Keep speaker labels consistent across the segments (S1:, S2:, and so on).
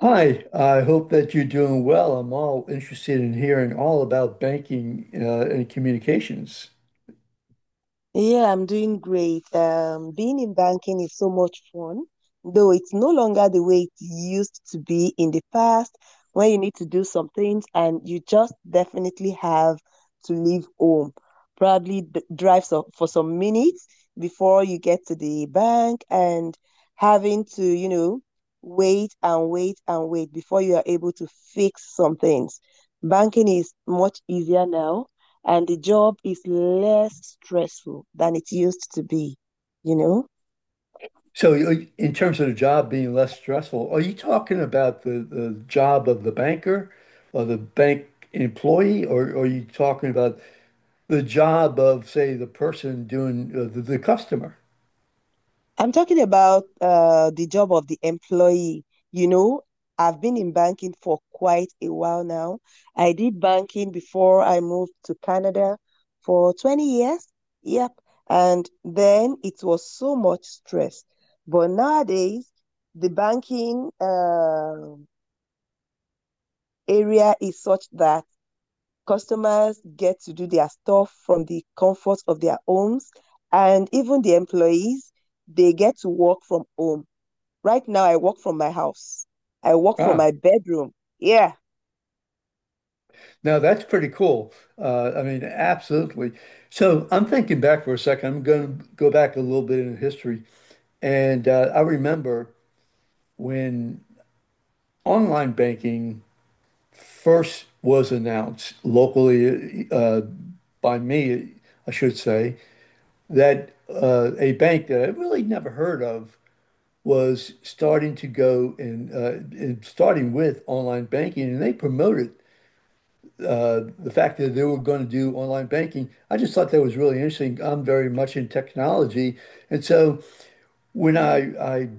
S1: Hi, I hope that you're doing well. I'm all interested in hearing all about banking and communications.
S2: Yeah, I'm doing great. Being in banking is so much fun, though it's no longer the way it used to be in the past, when you need to do some things and you just definitely have to leave home. Probably d drive so for some minutes before you get to the bank and having to, wait and wait and wait before you are able to fix some things. Banking is much easier now and the job is less stressful than it used to be, you know?
S1: So, in terms of the job being less stressful, are you talking about the job of the banker or the bank employee, or are you talking about the job of, say, the person doing the customer?
S2: I'm talking about the job of the employee. You know, I've been in banking for quite a while now. I did banking before I moved to Canada for 20 years. Yep. And then it was so much stress. But nowadays, the banking area is such that customers get to do their stuff from the comfort of their homes, and even the employees, they get to work from home. Right now, I work from my house. I work from
S1: Ah,
S2: my bedroom. Yeah.
S1: now that's pretty cool. I mean, absolutely. So, I'm thinking back for a second. I'm going to go back a little bit in history, and I remember when online banking first was announced locally, by me, I should say, that a bank that I really never heard of was starting to go and starting with online banking, and they promoted the fact that they were going to do online banking. I just thought that was really interesting. I'm very much in technology, and so when I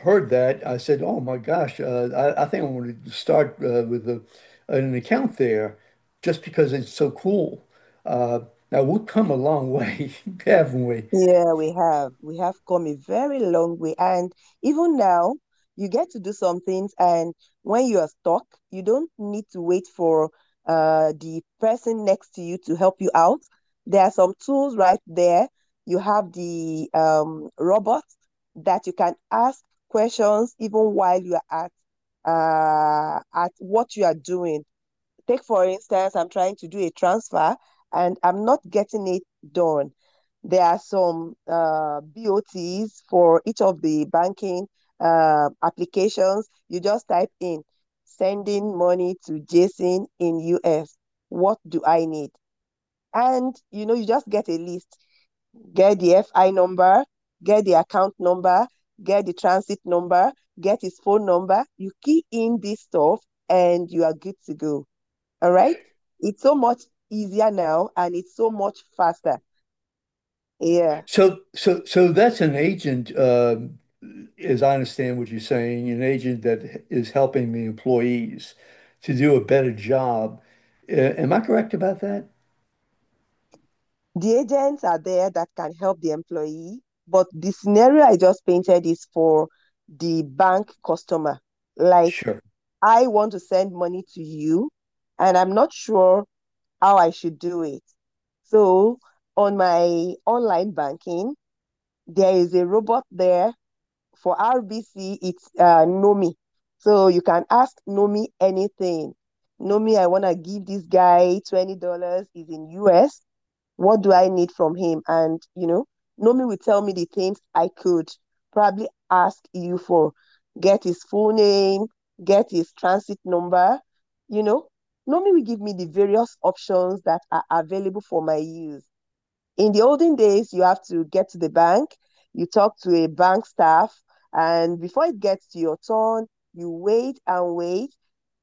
S1: heard that, I said, "Oh my gosh, I think I want to start with an account there, just because it's so cool." Uh, Now we've come a long way, haven't we?
S2: Yeah, we have. We have come a very long way. And even now, you get to do some things. And when you are stuck, you don't need to wait for the person next to you to help you out. There are some tools right there. You have the robot that you can ask questions even while you are at what you are doing. Take, for instance, I'm trying to do a transfer and I'm not getting it done. There are some BOTs for each of the banking applications. You just type in sending money to Jason in US. What do I need? And you just get a list. Get the FI number, get the account number, get the transit number, get his phone number. You key in this stuff and you are good to go. All right. It's so much easier now and it's so much faster. Yeah.
S1: So that's an agent, as I understand what you're saying, an agent that is helping the employees to do a better job. Am I correct about that?
S2: The agents are there that can help the employee, but the scenario I just painted is for the bank customer. Like,
S1: Sure.
S2: I want to send money to you, and I'm not sure how I should do it. So, on my online banking, there is a robot there for RBC, it's Nomi. So you can ask Nomi anything. Nomi, I want to give this guy $20. He's in US. What do I need from him? And, you know, Nomi will tell me the things I could probably ask you for. Get his full name, get his transit number, you know. Nomi will give me the various options that are available for my use in the olden days, you have to get to the bank, you talk to a bank staff, and before it gets to your turn, you wait and wait.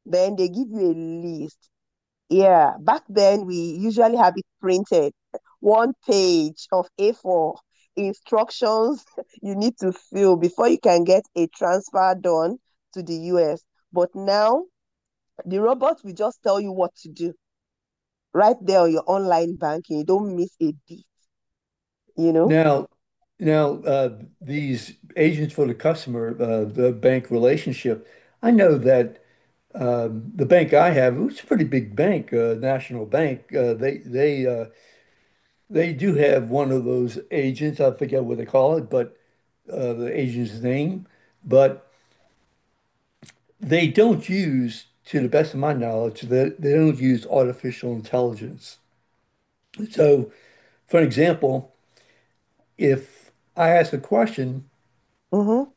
S2: Then they give you a list. Yeah, back then we usually have it printed, one page of A4 instructions you need to fill before you can get a transfer done to the US. But now the robot will just tell you what to do right there on your online banking. You don't miss a beat, you know?
S1: Now, now, these agents for the customer, the bank relationship. I know that the bank I have, it's a pretty big bank, National Bank. They do have one of those agents. I forget what they call it, but the agent's name. But they don't use, to the best of my knowledge, they don't use artificial intelligence. So, for example, if I ask a question,
S2: Mm-hmm.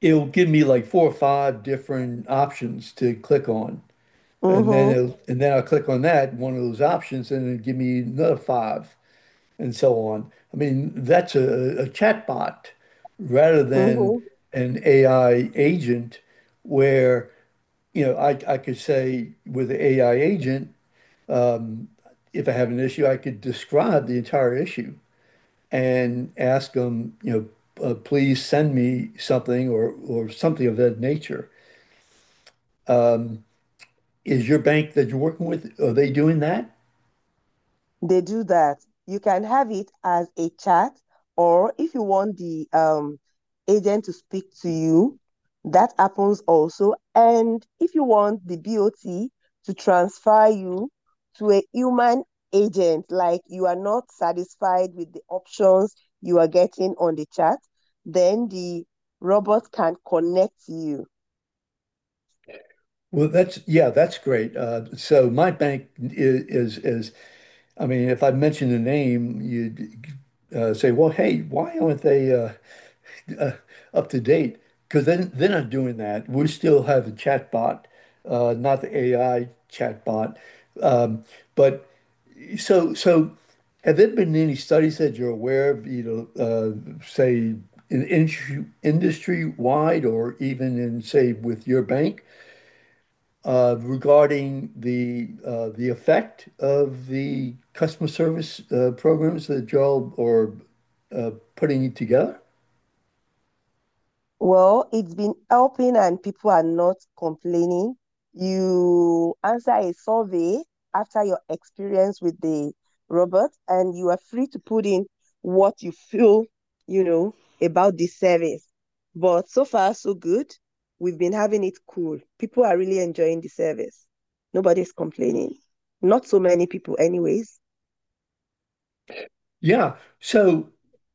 S1: it'll give me like four or five different options to click on. And then
S2: Mm-hmm,
S1: it'll, and then I'll click on one of those options, and it'll give me another five and so on. I mean, that's a chatbot rather than
S2: mm-hmm.
S1: an AI agent where, you know, I could say with the AI agent, if I have an issue, I could describe the entire issue and ask them, you know, please send me something or something of that nature. Is your bank that you're working with, are they doing that?
S2: They do that. You can have it as a chat, or if you want the agent to speak to you, that happens also. And if you want the BOT to transfer you to a human agent, like you are not satisfied with the options you are getting on the chat, then the robot can connect you.
S1: Well, that's great. So my bank is, is I mean, if I mention a name, you'd say, "Well, hey, why aren't they uh, up to date?" Because then they're not doing that. We still have a chat bot, not the AI chat bot, um, but So, so have there been any studies that you're aware of, you know, say in industry, industry-wide or even in, say, with your bank, regarding the effect of the customer service programs that y'all are putting together?
S2: Well, it's been helping and people are not complaining. You answer a survey after your experience with the robot, and you are free to put in what you feel, you know, about the service. But so far, so good. We've been having it cool. People are really enjoying the service. Nobody's complaining. Not so many people, anyways.
S1: Yeah. So,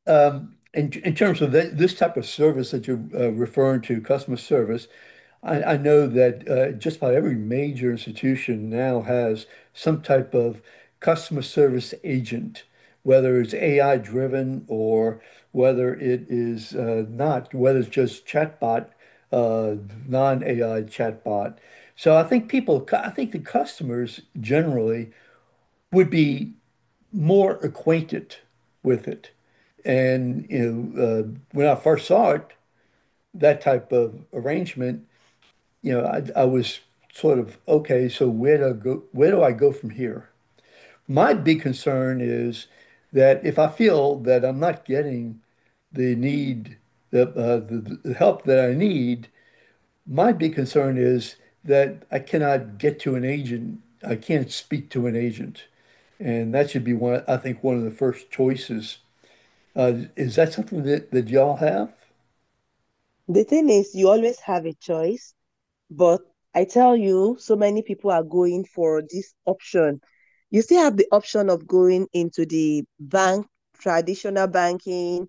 S1: in terms of that, this type of service that you're referring to, customer service, I know that just about every major institution now has some type of customer service agent, whether it's AI driven or whether it is not, whether it's just chatbot, uh, non-AI chatbot. So I think people, I think the customers generally would be more acquainted with it. And, you know, when I first saw it, that type of arrangement, you know, I was sort of, okay, so where do I go, where do I go from here? My big concern is that if I feel that I'm not getting the need, the help that I need, my big concern is that I cannot get to an agent. I can't speak to an agent. And that should be one, I think, one of the first choices. Is that something that, that y'all have?
S2: The thing is, you always have a choice. But I tell you, so many people are going for this option. You still have the option of going into the bank, traditional banking,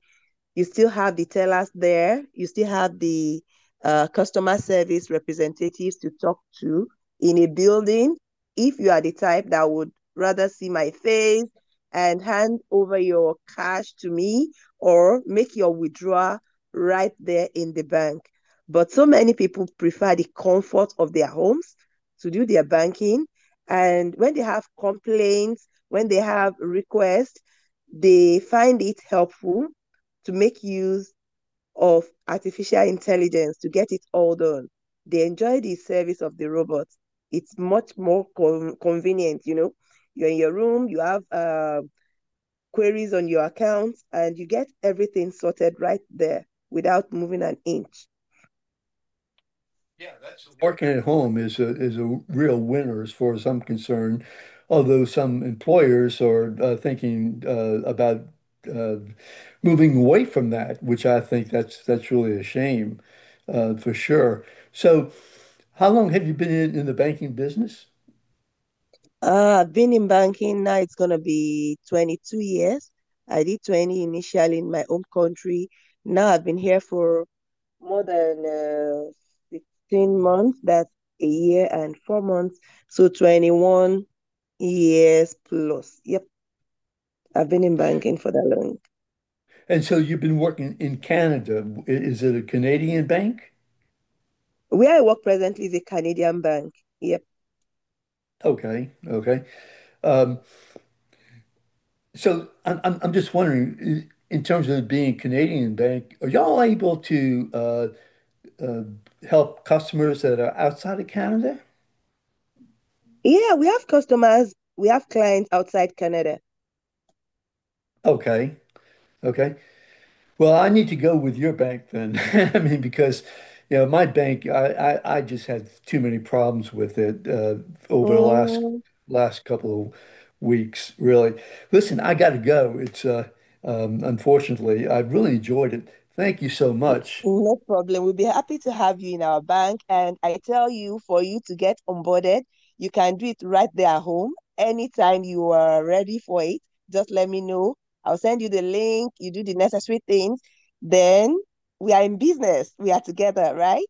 S2: you still have the tellers there, you still have the customer service representatives to talk to in a building. If you are the type that would rather see my face and hand over your cash to me or make your withdrawal right there in the bank. But so many people prefer the comfort of their homes to do their banking. And when they have complaints, when they have requests, they find it helpful to make use of artificial intelligence to get it all done. They enjoy the service of the robots. It's much more convenient, you know. You're in your room, you have queries on your account, and you get everything sorted right there without moving an inch.
S1: Yeah, that's working at home is a real winner as far as I'm concerned. Although some employers are thinking about uh, moving away from that, which I think that's really a shame, for sure. So, how long have you been in the banking business?
S2: I've been in banking now, it's going to be 22 years. I did 20 initially in my home country. Now I've been here for more than 16 months, that's a year and 4 months. So 21 years plus. Yep. I've been in banking for that long.
S1: And so you've been working in Canada. Is it a Canadian bank?
S2: Where I work presently is a Canadian bank. Yep.
S1: Okay, okay. Um, So I'm just wondering, in terms of being a Canadian bank, are y'all able to uh, help customers that are outside of Canada?
S2: Yeah, we have customers, we have clients outside Canada.
S1: Okay, okay. Well, I need to go with your bank then. I mean, because you know my bank, I just had too many problems with it over the last last couple of weeks, really. Listen, I got to go. It's unfortunately, I really enjoyed it. Thank you so much.
S2: No problem. We'll be happy to have you in our bank. And I tell you, for you to get onboarded, you can do it right there at home. Anytime you are ready for it, just let me know. I'll send you the link. You do the necessary things. Then we are in business. We are together, right?